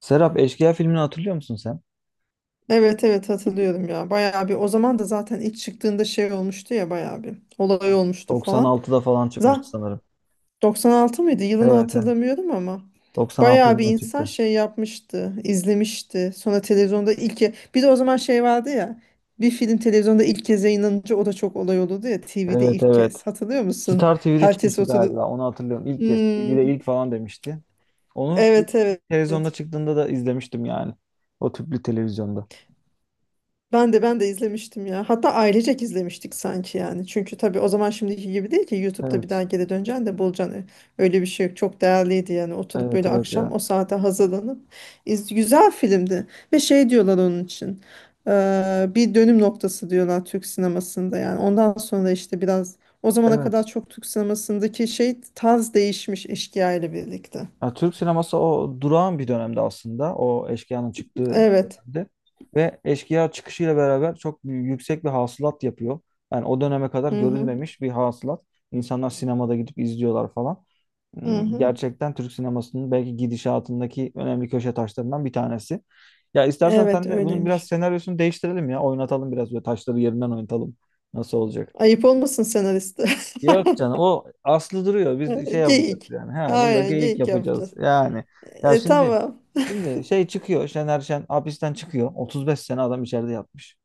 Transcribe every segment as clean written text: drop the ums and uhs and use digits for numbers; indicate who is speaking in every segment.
Speaker 1: Serap Eşkıya filmini hatırlıyor musun sen?
Speaker 2: Evet evet hatırlıyorum ya. Bayağı bir o zaman da zaten ilk çıktığında şey olmuştu ya bayağı bir olay olmuştu falan.
Speaker 1: 96'da falan
Speaker 2: Za
Speaker 1: çıkmıştı sanırım.
Speaker 2: 96 mıydı? Yılını
Speaker 1: Evet, evet.
Speaker 2: hatırlamıyorum ama
Speaker 1: 96
Speaker 2: bayağı bir
Speaker 1: yılında
Speaker 2: insan
Speaker 1: çıktı.
Speaker 2: şey yapmıştı, izlemişti. Sonra televizyonda bir de o zaman şey vardı ya. Bir film televizyonda ilk kez yayınlanınca o da çok olay olurdu ya TV'de
Speaker 1: Evet
Speaker 2: ilk
Speaker 1: evet.
Speaker 2: kez. Hatırlıyor musun?
Speaker 1: Star TV'de
Speaker 2: Herkes
Speaker 1: çıkmıştı
Speaker 2: oturdu.
Speaker 1: galiba. Onu hatırlıyorum. İlk kez.
Speaker 2: Hmm,
Speaker 1: TV'de ilk falan demişti. Onu ilk-
Speaker 2: evet
Speaker 1: ilk televizyonda
Speaker 2: evet.
Speaker 1: çıktığında da izlemiştim yani. O tüplü televizyonda.
Speaker 2: Ben de izlemiştim ya. Hatta ailecek izlemiştik sanki yani. Çünkü tabii o zaman şimdiki gibi değil ki YouTube'da bir daha
Speaker 1: Evet.
Speaker 2: geri döneceksin de bulacaksın. Öyle bir şey yok. Çok değerliydi yani. Oturup
Speaker 1: Evet
Speaker 2: böyle
Speaker 1: evet
Speaker 2: akşam
Speaker 1: ya.
Speaker 2: o saate hazırlanıp güzel filmdi. Ve şey diyorlar onun için. Bir dönüm noktası diyorlar Türk sinemasında yani. Ondan sonra işte biraz o zamana
Speaker 1: Evet.
Speaker 2: kadar çok Türk sinemasındaki şey tarz değişmiş Eşkıya ile birlikte.
Speaker 1: Ya Türk sineması o durağan bir dönemde aslında. O Eşkıya'nın çıktığı
Speaker 2: Evet.
Speaker 1: dönemde. Ve Eşkıya çıkışıyla beraber yüksek bir hasılat yapıyor. Yani o döneme kadar
Speaker 2: Hı hı.
Speaker 1: görülmemiş bir hasılat. İnsanlar sinemada gidip izliyorlar falan.
Speaker 2: Hı hı.
Speaker 1: Gerçekten Türk sinemasının belki gidişatındaki önemli köşe taşlarından bir tanesi. Ya istersen
Speaker 2: Evet
Speaker 1: sen de bunun biraz
Speaker 2: öyleymiş.
Speaker 1: senaryosunu değiştirelim ya. Oynatalım biraz böyle taşları yerinden oynatalım. Nasıl olacak?
Speaker 2: Ayıp olmasın senariste.
Speaker 1: Yok canım o aslı duruyor. Biz şey yapacağız
Speaker 2: Geyik.
Speaker 1: yani. Ha, burada
Speaker 2: Aynen
Speaker 1: geyik
Speaker 2: geyik
Speaker 1: yapacağız.
Speaker 2: yapacağız.
Speaker 1: Yani ya
Speaker 2: E,
Speaker 1: şimdi
Speaker 2: tamam.
Speaker 1: şey çıkıyor. Şener Şen hapisten çıkıyor. 35 sene adam içeride yatmış.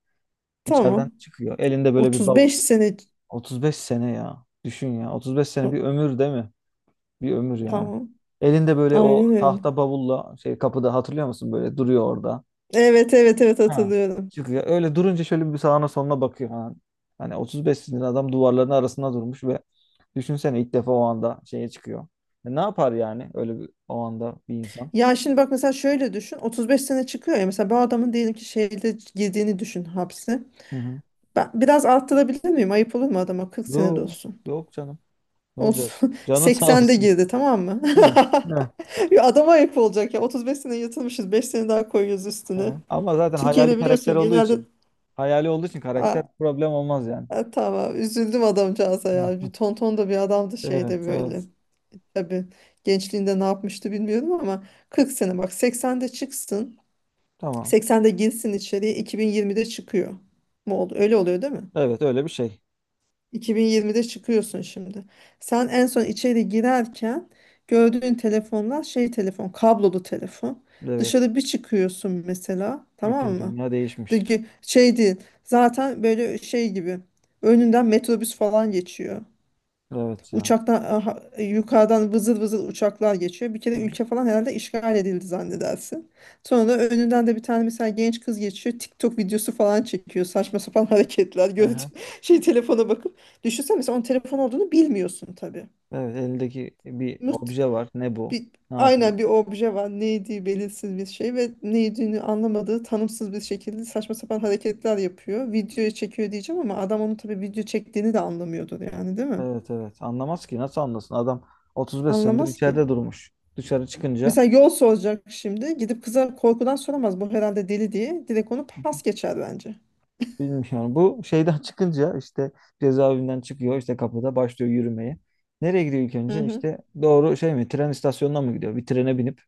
Speaker 1: İçeriden
Speaker 2: Tamam.
Speaker 1: çıkıyor. Elinde böyle bir bavul.
Speaker 2: 35 sene.
Speaker 1: 35 sene ya. Düşün ya. 35 sene bir ömür değil mi? Bir ömür yani.
Speaker 2: Tamam.
Speaker 1: Elinde böyle o
Speaker 2: Aynen öyle.
Speaker 1: tahta bavulla şey kapıda hatırlıyor musun? Böyle duruyor orada.
Speaker 2: Evet evet evet
Speaker 1: Ha.
Speaker 2: hatırlıyorum.
Speaker 1: Çıkıyor. Öyle durunca şöyle bir sağına soluna bakıyor falan. Hani 35 sinirli adam duvarların arasında durmuş ve düşünsene ilk defa o anda şeye çıkıyor. E ne yapar yani öyle bir, o anda bir insan?
Speaker 2: Ya şimdi bak mesela şöyle düşün. 35 sene çıkıyor ya. Mesela bu adamın diyelim ki şeyde girdiğini düşün hapse.
Speaker 1: Hı hı.
Speaker 2: Ben biraz arttırabilir miyim? Ayıp olur mu adama? 40 sene de
Speaker 1: Yok,
Speaker 2: olsun.
Speaker 1: yok canım. Ne olacak?
Speaker 2: Olsun.
Speaker 1: Canın sağ
Speaker 2: 80'de
Speaker 1: olsun.
Speaker 2: girdi tamam mı?
Speaker 1: Evet, evet.
Speaker 2: Ya adama ayıp olacak ya. 35 sene yatılmışız. 5 sene daha koyuyoruz
Speaker 1: Hı
Speaker 2: üstüne.
Speaker 1: hı. Ama zaten
Speaker 2: Türkiye'de
Speaker 1: hayali karakter
Speaker 2: biliyorsun
Speaker 1: olduğu
Speaker 2: genelde.
Speaker 1: için, hayali olduğu için karakter problem olmaz yani.
Speaker 2: Ha, tamam üzüldüm adamcağıza
Speaker 1: Hı.
Speaker 2: ya. Bir tonton da bir adamdı şeyde
Speaker 1: Evet,
Speaker 2: böyle.
Speaker 1: evet.
Speaker 2: Tabii gençliğinde ne yapmıştı bilmiyorum ama 40 sene bak 80'de çıksın.
Speaker 1: Tamam.
Speaker 2: 80'de girsin içeriye 2020'de çıkıyor. Mu oldu? Öyle oluyor değil mi?
Speaker 1: Evet, öyle bir şey.
Speaker 2: 2020'de çıkıyorsun şimdi. Sen en son içeri girerken gördüğün telefonlar şey telefon, kablolu telefon.
Speaker 1: Evet.
Speaker 2: Dışarı bir çıkıyorsun mesela, tamam
Speaker 1: Bütün
Speaker 2: mı?
Speaker 1: dünya değişmiş.
Speaker 2: Şey değil. Zaten böyle şey gibi. Önünden metrobüs falan geçiyor.
Speaker 1: Evet ya.
Speaker 2: Yukarıdan vızıl vızıl uçaklar geçiyor. Bir kere
Speaker 1: Hı
Speaker 2: ülke falan herhalde işgal edildi zannedersin. Sonra da önünden de bir tane mesela genç kız geçiyor. TikTok videosu falan çekiyor. Saçma sapan hareketler.
Speaker 1: hı.
Speaker 2: Şey telefona bakıp. Düşünsene mesela onun telefon olduğunu bilmiyorsun tabii.
Speaker 1: Evet elindeki bir
Speaker 2: Mut,
Speaker 1: obje var. Ne bu?
Speaker 2: bir,
Speaker 1: Ne yapıyor?
Speaker 2: aynen bir obje var. Neydi belirsiz bir şey ve neydiğini anlamadığı tanımsız bir şekilde saçma sapan hareketler yapıyor. Videoya çekiyor diyeceğim ama adam onu tabii video çektiğini de anlamıyordur yani değil mi?
Speaker 1: Evet evet. Anlamaz ki. Nasıl anlasın? Adam 35 senedir
Speaker 2: Anlamaz ki.
Speaker 1: içeride durmuş. Dışarı çıkınca
Speaker 2: Mesela yol soracak şimdi. Gidip kıza korkudan soramaz. Bu herhalde deli diye. Direkt onu pas geçer bence.
Speaker 1: bilmiyorum. Bu şeyden çıkınca işte cezaevinden çıkıyor. İşte kapıda başlıyor yürümeye. Nereye gidiyor ilk
Speaker 2: Hı
Speaker 1: önce?
Speaker 2: hı.
Speaker 1: İşte doğru şey mi? Tren istasyonuna mı gidiyor? Bir trene binip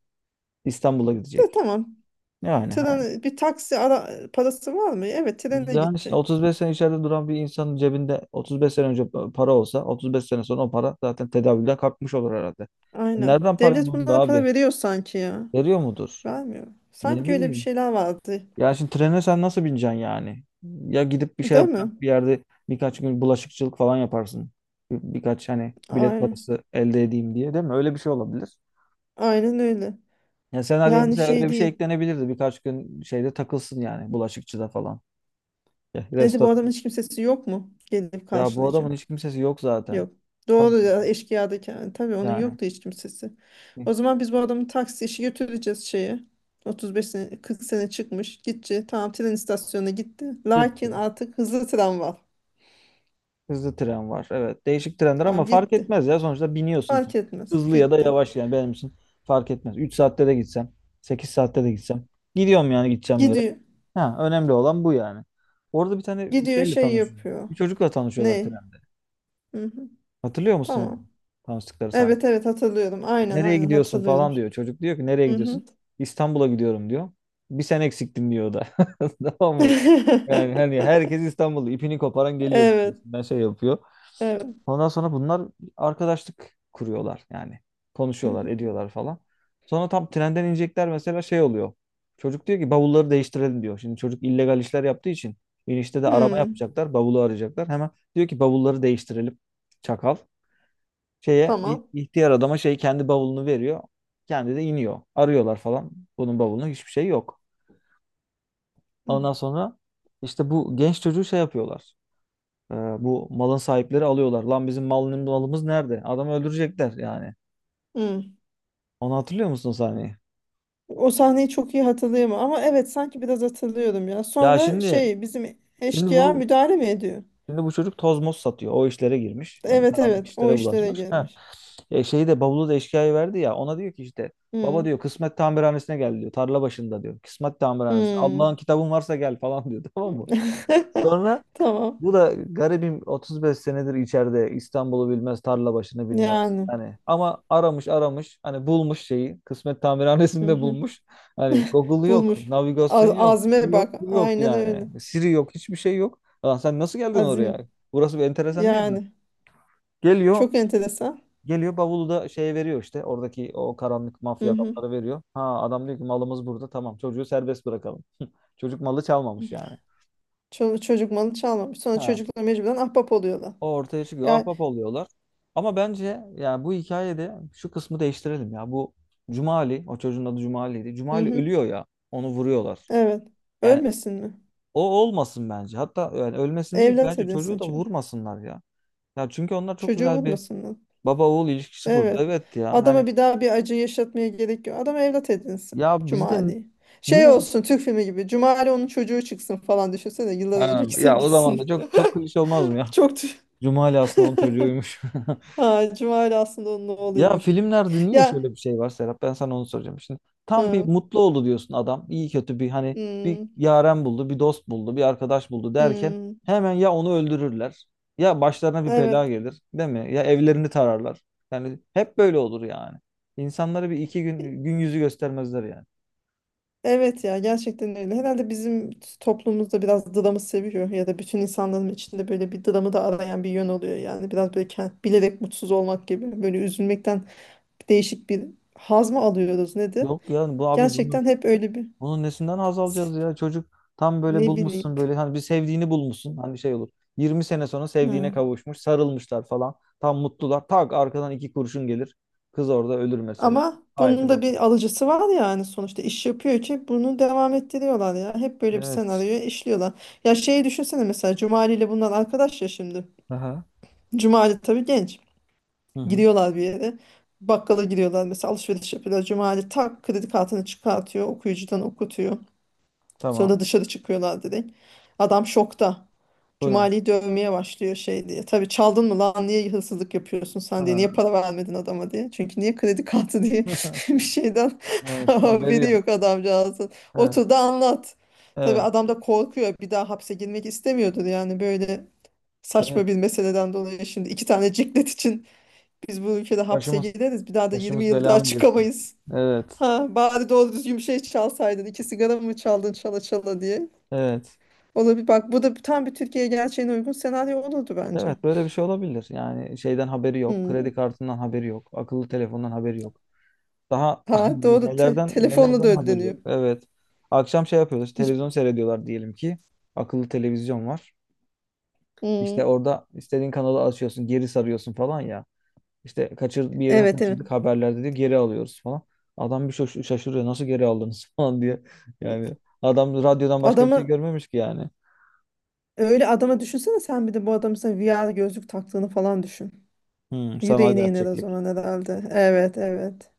Speaker 1: İstanbul'a
Speaker 2: E,
Speaker 1: gidecek.
Speaker 2: tamam.
Speaker 1: Yani ha.
Speaker 2: Tren, bir taksi ara, parası var mı? Evet trene
Speaker 1: Yani işte
Speaker 2: gidecek.
Speaker 1: 35 sene içeride duran bir insanın cebinde 35 sene önce para olsa 35 sene sonra o para zaten tedavülden kalkmış olur herhalde.
Speaker 2: Aynen.
Speaker 1: Nereden parayı
Speaker 2: Devlet
Speaker 1: buldu
Speaker 2: bunlara para
Speaker 1: abi?
Speaker 2: veriyor sanki ya.
Speaker 1: Veriyor mudur?
Speaker 2: Vermiyor.
Speaker 1: Ne
Speaker 2: Sanki öyle bir
Speaker 1: bileyim.
Speaker 2: şeyler vardı.
Speaker 1: Ya şimdi trene sen nasıl bineceksin yani? Ya gidip bir şey
Speaker 2: Değil
Speaker 1: yapacaksın.
Speaker 2: mi?
Speaker 1: Bir yerde birkaç gün bulaşıkçılık falan yaparsın. Birkaç hani bilet
Speaker 2: Aynen.
Speaker 1: parası elde edeyim diye değil mi? Öyle bir şey olabilir.
Speaker 2: Aynen öyle.
Speaker 1: Ya senaryo
Speaker 2: Yani
Speaker 1: mesela öyle
Speaker 2: şey
Speaker 1: bir şey
Speaker 2: değil.
Speaker 1: eklenebilirdi. Birkaç gün şeyde takılsın yani bulaşıkçıda falan. Ya,
Speaker 2: Neydi bu
Speaker 1: restoran.
Speaker 2: adamın hiç kimsesi yok mu? Gelip
Speaker 1: Ya bu adamın
Speaker 2: karşılayacak.
Speaker 1: hiç kimsesi yok zaten.
Speaker 2: Yok.
Speaker 1: Tabii
Speaker 2: Doğru ya eşkıyadaki yani. Tabii onun
Speaker 1: yani.
Speaker 2: yoktu hiç kimsesi. O zaman biz bu adamı taksi işi götüreceğiz şeye. 35 sene 40 sene çıkmış. Gitti. Tamam tren istasyonuna gitti. Lakin
Speaker 1: Gitti.
Speaker 2: artık hızlı tren var.
Speaker 1: Hızlı tren var. Evet. Değişik trenler ama
Speaker 2: Tamam
Speaker 1: fark
Speaker 2: gitti.
Speaker 1: etmez ya. Sonuçta biniyorsun. Tren.
Speaker 2: Fark etmez.
Speaker 1: Hızlı ya da
Speaker 2: Gitti.
Speaker 1: yavaş yani benim için fark etmez. 3 saatte de gitsem, 8 saatte de gitsem. Gidiyorum yani gideceğim yere.
Speaker 2: Gidiyor.
Speaker 1: Ha, önemli olan bu yani. Orada bir tane
Speaker 2: Gidiyor
Speaker 1: şeyle
Speaker 2: şey
Speaker 1: tanışıyorum.
Speaker 2: yapıyor.
Speaker 1: Bir çocukla tanışıyorlar
Speaker 2: Ne?
Speaker 1: trende.
Speaker 2: Hı hı.
Speaker 1: Hatırlıyor musun onu?
Speaker 2: Tamam.
Speaker 1: Tanıştıkları sahne.
Speaker 2: Evet evet hatırlıyorum.
Speaker 1: İşte,
Speaker 2: Aynen
Speaker 1: nereye
Speaker 2: aynen
Speaker 1: gidiyorsun
Speaker 2: hatırlıyorum.
Speaker 1: falan diyor. Çocuk diyor ki nereye
Speaker 2: Hı hı.
Speaker 1: gidiyorsun? İstanbul'a gidiyorum diyor. Bir sen eksiktin diyor o da. Tamam mı? Yani hani herkes İstanbul'da ipini koparan geliyor.
Speaker 2: Evet.
Speaker 1: Diyorsun. Ben şey yapıyor.
Speaker 2: Evet.
Speaker 1: Ondan sonra bunlar arkadaşlık kuruyorlar yani.
Speaker 2: Hı
Speaker 1: Konuşuyorlar,
Speaker 2: hı.
Speaker 1: ediyorlar falan. Sonra tam trenden inecekler mesela şey oluyor. Çocuk diyor ki bavulları değiştirelim diyor. Şimdi çocuk illegal işler yaptığı için inişte de arama
Speaker 2: Hı.
Speaker 1: yapacaklar, bavulu arayacaklar. Hemen diyor ki bavulları değiştirelim. Çakal
Speaker 2: Tamam.
Speaker 1: ihtiyar adama şey kendi bavulunu veriyor. Kendi de iniyor. Arıyorlar falan. Bunun bavulunda hiçbir şey yok.
Speaker 2: Hı.
Speaker 1: Ondan sonra işte bu genç çocuğu şey yapıyorlar. Bu malın sahipleri alıyorlar. Lan bizim malımız nerede? Adamı öldürecekler yani.
Speaker 2: Hı.
Speaker 1: Onu hatırlıyor musun o sahneyi?
Speaker 2: O sahneyi çok iyi hatırlayamam ama evet sanki biraz hatırlıyorum ya.
Speaker 1: Ya
Speaker 2: Sonra
Speaker 1: şimdi
Speaker 2: şey bizim
Speaker 1: şimdi
Speaker 2: eşkıya
Speaker 1: bu
Speaker 2: müdahale mi ediyor?
Speaker 1: bu çocuk tozmos satıyor. O işlere girmiş. Yani
Speaker 2: Evet
Speaker 1: karanlık
Speaker 2: evet o
Speaker 1: işlere
Speaker 2: işlere
Speaker 1: bulaşmış. Ha.
Speaker 2: girmiş.
Speaker 1: Şeyi de bavulu da eşkıya verdi ya. Ona diyor ki işte baba
Speaker 2: Hmm.
Speaker 1: diyor kısmet tamirhanesine gel diyor. Tarla başında diyor. Kısmet tamirhanesi. Allah'ın
Speaker 2: Hmm.
Speaker 1: kitabın varsa gel falan diyor. Tamam mı? Sonra
Speaker 2: Tamam.
Speaker 1: bu da garibim 35 senedir içeride İstanbul'u bilmez, tarla başını bilmez.
Speaker 2: Yani.
Speaker 1: Hani ama aramış aramış hani bulmuş şeyi. Kısmet tamirhanesinde
Speaker 2: Hı-hı.
Speaker 1: bulmuş. Hani Google yok,
Speaker 2: Bulmuş.
Speaker 1: navigasyon yok, şu
Speaker 2: Azme bak.
Speaker 1: yok, bu yok
Speaker 2: Aynen öyle.
Speaker 1: yani. Siri yok, hiçbir şey yok. Lan sen nasıl geldin oraya?
Speaker 2: Azim.
Speaker 1: Burası bir enteresan değil mi?
Speaker 2: Yani.
Speaker 1: Geliyor,
Speaker 2: Çok enteresan.
Speaker 1: geliyor bavulu da şeye veriyor işte. Oradaki o karanlık mafya
Speaker 2: Hı-hı.
Speaker 1: adamları veriyor. Ha adam diyor ki malımız burada tamam çocuğu serbest bırakalım. Çocuk malı çalmamış yani.
Speaker 2: Çocuk malı çalmamış. Sonra
Speaker 1: Ha.
Speaker 2: çocuklar mecburen ahbap oluyorlar.
Speaker 1: O ortaya çıkıyor.
Speaker 2: Yani.
Speaker 1: Ahbap oluyorlar. Ama bence yani bu hikayede şu kısmı değiştirelim ya. Bu Cumali, o çocuğun adı Cumali'ydi. Cumali
Speaker 2: Hı-hı.
Speaker 1: ölüyor ya. Onu vuruyorlar.
Speaker 2: Evet.
Speaker 1: Yani
Speaker 2: Ölmesin mi?
Speaker 1: o olmasın bence. Hatta yani ölmesin değil.
Speaker 2: Evlat
Speaker 1: Bence çocuğu
Speaker 2: edinsin
Speaker 1: da
Speaker 2: çocuğu.
Speaker 1: vurmasınlar ya. Ya çünkü onlar çok
Speaker 2: Çocuğu
Speaker 1: güzel bir
Speaker 2: vurmasınlar.
Speaker 1: baba oğul ilişkisi kurdu.
Speaker 2: Evet.
Speaker 1: Evet ya.
Speaker 2: Adama
Speaker 1: Hani
Speaker 2: bir daha bir acı yaşatmaya gerek yok. Adam evlat edinsin.
Speaker 1: ya bizde n-
Speaker 2: Cumali. Şey
Speaker 1: niye?
Speaker 2: olsun Türk filmi gibi. Cumali onun çocuğu çıksın falan düşünsene. Yıllar
Speaker 1: Ha,
Speaker 2: önceki
Speaker 1: ya o zaman da
Speaker 2: sevgilisin.
Speaker 1: çok çok klişe olmaz mı ya?
Speaker 2: Çok tü-
Speaker 1: Cumali aslında onun çocuğuymuş.
Speaker 2: ha, Cumali aslında onun
Speaker 1: Ya
Speaker 2: oğluymuş.
Speaker 1: filmlerde niye
Speaker 2: Ya
Speaker 1: şöyle bir şey var Serap? Ben sana onu soracağım. Şimdi tam bir
Speaker 2: hı,
Speaker 1: mutlu oldu diyorsun adam. İyi kötü bir hani bir
Speaker 2: hmm,
Speaker 1: yaren buldu, bir dost buldu, bir arkadaş buldu derken
Speaker 2: hmm,
Speaker 1: hemen ya onu öldürürler ya başlarına bir bela
Speaker 2: evet.
Speaker 1: gelir, değil mi? Ya evlerini tararlar. Yani hep böyle olur yani. İnsanlara bir iki
Speaker 2: E,
Speaker 1: gün gün yüzü göstermezler yani.
Speaker 2: evet ya gerçekten öyle. Herhalde bizim toplumumuzda biraz dramı seviyor ya da bütün insanların içinde böyle bir dramı da arayan bir yön oluyor yani. Biraz böyle bilerek mutsuz olmak gibi böyle üzülmekten değişik bir haz mı alıyoruz nedir?
Speaker 1: Yok ya bu abi bunun
Speaker 2: Gerçekten hep öyle bir
Speaker 1: Bunun nesinden haz alacağız ya? Çocuk tam böyle
Speaker 2: ne bileyim.
Speaker 1: bulmuşsun böyle hani bir sevdiğini bulmuşsun. Hani şey olur. 20 sene sonra sevdiğine
Speaker 2: Hı.
Speaker 1: kavuşmuş, sarılmışlar falan. Tam mutlular. Tak arkadan 2 kurşun gelir. Kız orada ölür mesela.
Speaker 2: Ama bunun
Speaker 1: Haydi
Speaker 2: da
Speaker 1: bakalım.
Speaker 2: bir alıcısı var yani sonuçta iş yapıyor ki bunu devam ettiriyorlar ya. Hep böyle bir
Speaker 1: Evet.
Speaker 2: senaryoya işliyorlar. Ya şeyi düşünsene mesela Cumali ile bunlar arkadaş ya şimdi.
Speaker 1: Aha.
Speaker 2: Cumali tabii genç.
Speaker 1: Hı hı.
Speaker 2: Gidiyorlar bir yere. Bakkala gidiyorlar mesela alışveriş yapıyorlar. Cumali tak kredi kartını çıkartıyor. Okuyucudan okutuyor.
Speaker 1: Tamam.
Speaker 2: Sonra dışarı çıkıyorlar direkt. Adam şokta.
Speaker 1: Bu ne?
Speaker 2: Cumali'yi dövmeye başlıyor şey diye. Tabii çaldın mı lan niye hırsızlık yapıyorsun sen diye.
Speaker 1: Ha.
Speaker 2: Niye para vermedin adama diye. Çünkü niye kredi kartı diye bir şeyden
Speaker 1: Evet, haberi
Speaker 2: haberi
Speaker 1: yok.
Speaker 2: yok adamcağızın.
Speaker 1: Evet.
Speaker 2: Otur da anlat. Tabii
Speaker 1: Evet.
Speaker 2: adam da korkuyor. Bir daha hapse girmek istemiyordur yani böyle
Speaker 1: Evet.
Speaker 2: saçma bir meseleden dolayı. Şimdi iki tane ciklet için biz bu ülkede hapse
Speaker 1: Başımız
Speaker 2: gireriz. Bir daha da 20
Speaker 1: başımız
Speaker 2: yıl
Speaker 1: bela
Speaker 2: daha
Speaker 1: mı girsin?
Speaker 2: çıkamayız.
Speaker 1: Evet.
Speaker 2: Ha, bari doğru düzgün bir şey çalsaydın. İki sigara mı çaldın çala çala diye.
Speaker 1: Evet.
Speaker 2: Olabilir. Bak bu da tam bir Türkiye gerçeğine uygun senaryo olurdu bence.
Speaker 1: Evet böyle bir şey olabilir. Yani şeyden haberi yok.
Speaker 2: Hmm.
Speaker 1: Kredi kartından haberi yok. Akıllı telefondan haberi yok. Daha
Speaker 2: Ha doğru.
Speaker 1: nelerden
Speaker 2: Telefonla da
Speaker 1: nelerden haberi
Speaker 2: ödeniyor.
Speaker 1: yok. Evet. Akşam şey yapıyorlar. İşte
Speaker 2: Hiç.
Speaker 1: televizyon seyrediyorlar diyelim ki. Akıllı televizyon var. İşte
Speaker 2: Hmm.
Speaker 1: orada istediğin kanalı açıyorsun, geri sarıyorsun falan ya. İşte bir yeri
Speaker 2: Evet evet.
Speaker 1: kaçırdık haberlerde diyor geri alıyoruz falan. Adam bir şaşırıyor nasıl geri aldınız falan diye.
Speaker 2: Hmm.
Speaker 1: Yani adam radyodan başka bir şey
Speaker 2: Adamı
Speaker 1: görmemiş ki yani.
Speaker 2: Öyle adama düşünsene sen bir de bu adamın sana VR gözlük taktığını falan düşün.
Speaker 1: Sanal
Speaker 2: Yüreğine iner o
Speaker 1: gerçeklik.
Speaker 2: zaman herhalde. Evet evet.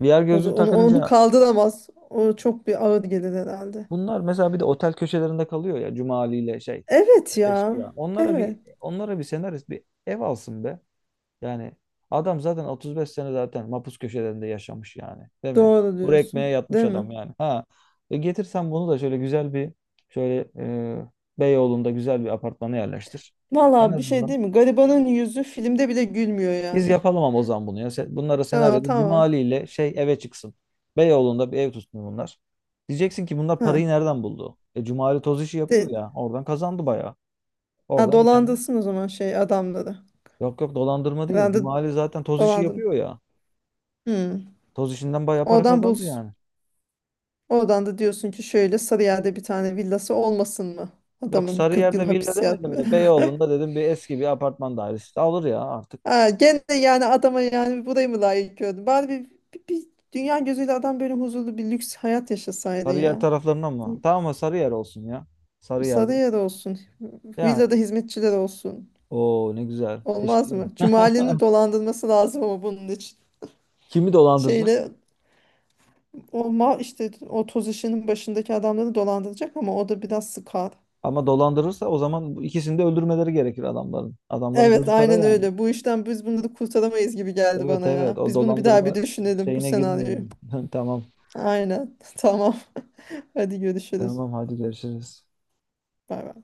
Speaker 1: VR
Speaker 2: O
Speaker 1: gözlüğü
Speaker 2: zaman onu
Speaker 1: takınca
Speaker 2: kaldıramaz. O çok bir ağır gelir herhalde.
Speaker 1: bunlar mesela bir de otel köşelerinde kalıyor ya Cuma Ali ile şey
Speaker 2: Evet ya.
Speaker 1: eşkıya. Onlara bir
Speaker 2: Evet.
Speaker 1: onlara bir senarist bir ev alsın be. Yani adam zaten 35 sene zaten mapus köşelerinde yaşamış yani. Değil mi?
Speaker 2: Doğru
Speaker 1: Kuru ekmeğe
Speaker 2: diyorsun.
Speaker 1: yatmış
Speaker 2: Değil mi?
Speaker 1: adam yani. Ha. E getirsen bunu da şöyle güzel bir şöyle e, Beyoğlu'nda güzel bir apartmana yerleştir. En
Speaker 2: Vallahi bir şey
Speaker 1: azından
Speaker 2: değil mi? Garibanın yüzü filmde bile gülmüyor
Speaker 1: biz
Speaker 2: yani.
Speaker 1: yapalım ama o zaman bunu ya. Bunlara
Speaker 2: Aa,
Speaker 1: senaryoda
Speaker 2: tamam.
Speaker 1: Cumali ile şey eve çıksın. Beyoğlu'nda bir ev tutsun bunlar. Diyeceksin ki bunlar
Speaker 2: Ha.
Speaker 1: parayı nereden buldu? E Cumali toz işi yapıyor
Speaker 2: De,
Speaker 1: ya. Oradan kazandı bayağı.
Speaker 2: ha,
Speaker 1: Oradan bir tane.
Speaker 2: dolandılsın o zaman şey adamları.
Speaker 1: Yok yok dolandırma değil.
Speaker 2: Herhalde
Speaker 1: Cumali zaten toz işi
Speaker 2: dolandın.
Speaker 1: yapıyor ya.
Speaker 2: Hmm.
Speaker 1: Toz işinden bayağı para
Speaker 2: Oradan
Speaker 1: kazandı
Speaker 2: buz.
Speaker 1: yani.
Speaker 2: Oradan da diyorsun ki şöyle Sarıyer'de bir tane villası olmasın mı?
Speaker 1: Yok
Speaker 2: Adamın 40 yıl
Speaker 1: Sarıyer'de villa
Speaker 2: hapis
Speaker 1: demedim
Speaker 2: yatmıyor.
Speaker 1: de Beyoğlu'nda dedim bir eski bir apartman dairesi. Alır ya artık.
Speaker 2: Ha, gene yani adama yani burayı mı layık gördün? Bari bir dünya gözüyle adam böyle huzurlu bir lüks hayat yaşasaydı
Speaker 1: Sarıyer
Speaker 2: ya.
Speaker 1: taraflarına mı? Tamam mı Sarıyer olsun ya. Sarıyer'de.
Speaker 2: Sarıyer olsun.
Speaker 1: Yani.
Speaker 2: Villada hizmetçiler olsun.
Speaker 1: Oo ne güzel. Keşke.
Speaker 2: Olmaz mı? Cumali'nin dolandırması lazım ama bunun için.
Speaker 1: Kimi dolandıracak?
Speaker 2: Şeyle O mal işte o toz işinin başındaki adamları dolandıracak ama o da biraz sıkar.
Speaker 1: Ama dolandırırsa o zaman bu ikisini de öldürmeleri gerekir adamların. Adamların
Speaker 2: Evet
Speaker 1: gözü kara
Speaker 2: aynen
Speaker 1: yani.
Speaker 2: öyle. Bu işten biz bunu da kurtaramayız gibi geldi
Speaker 1: Evet
Speaker 2: bana
Speaker 1: evet
Speaker 2: ya.
Speaker 1: o
Speaker 2: Biz bunu bir daha bir
Speaker 1: dolandırma
Speaker 2: düşünelim bu
Speaker 1: şeyine
Speaker 2: senaryoyu.
Speaker 1: girmeyelim. Tamam.
Speaker 2: Aynen. Tamam. Hadi görüşürüz.
Speaker 1: Tamam hadi görüşürüz.
Speaker 2: Bay bay.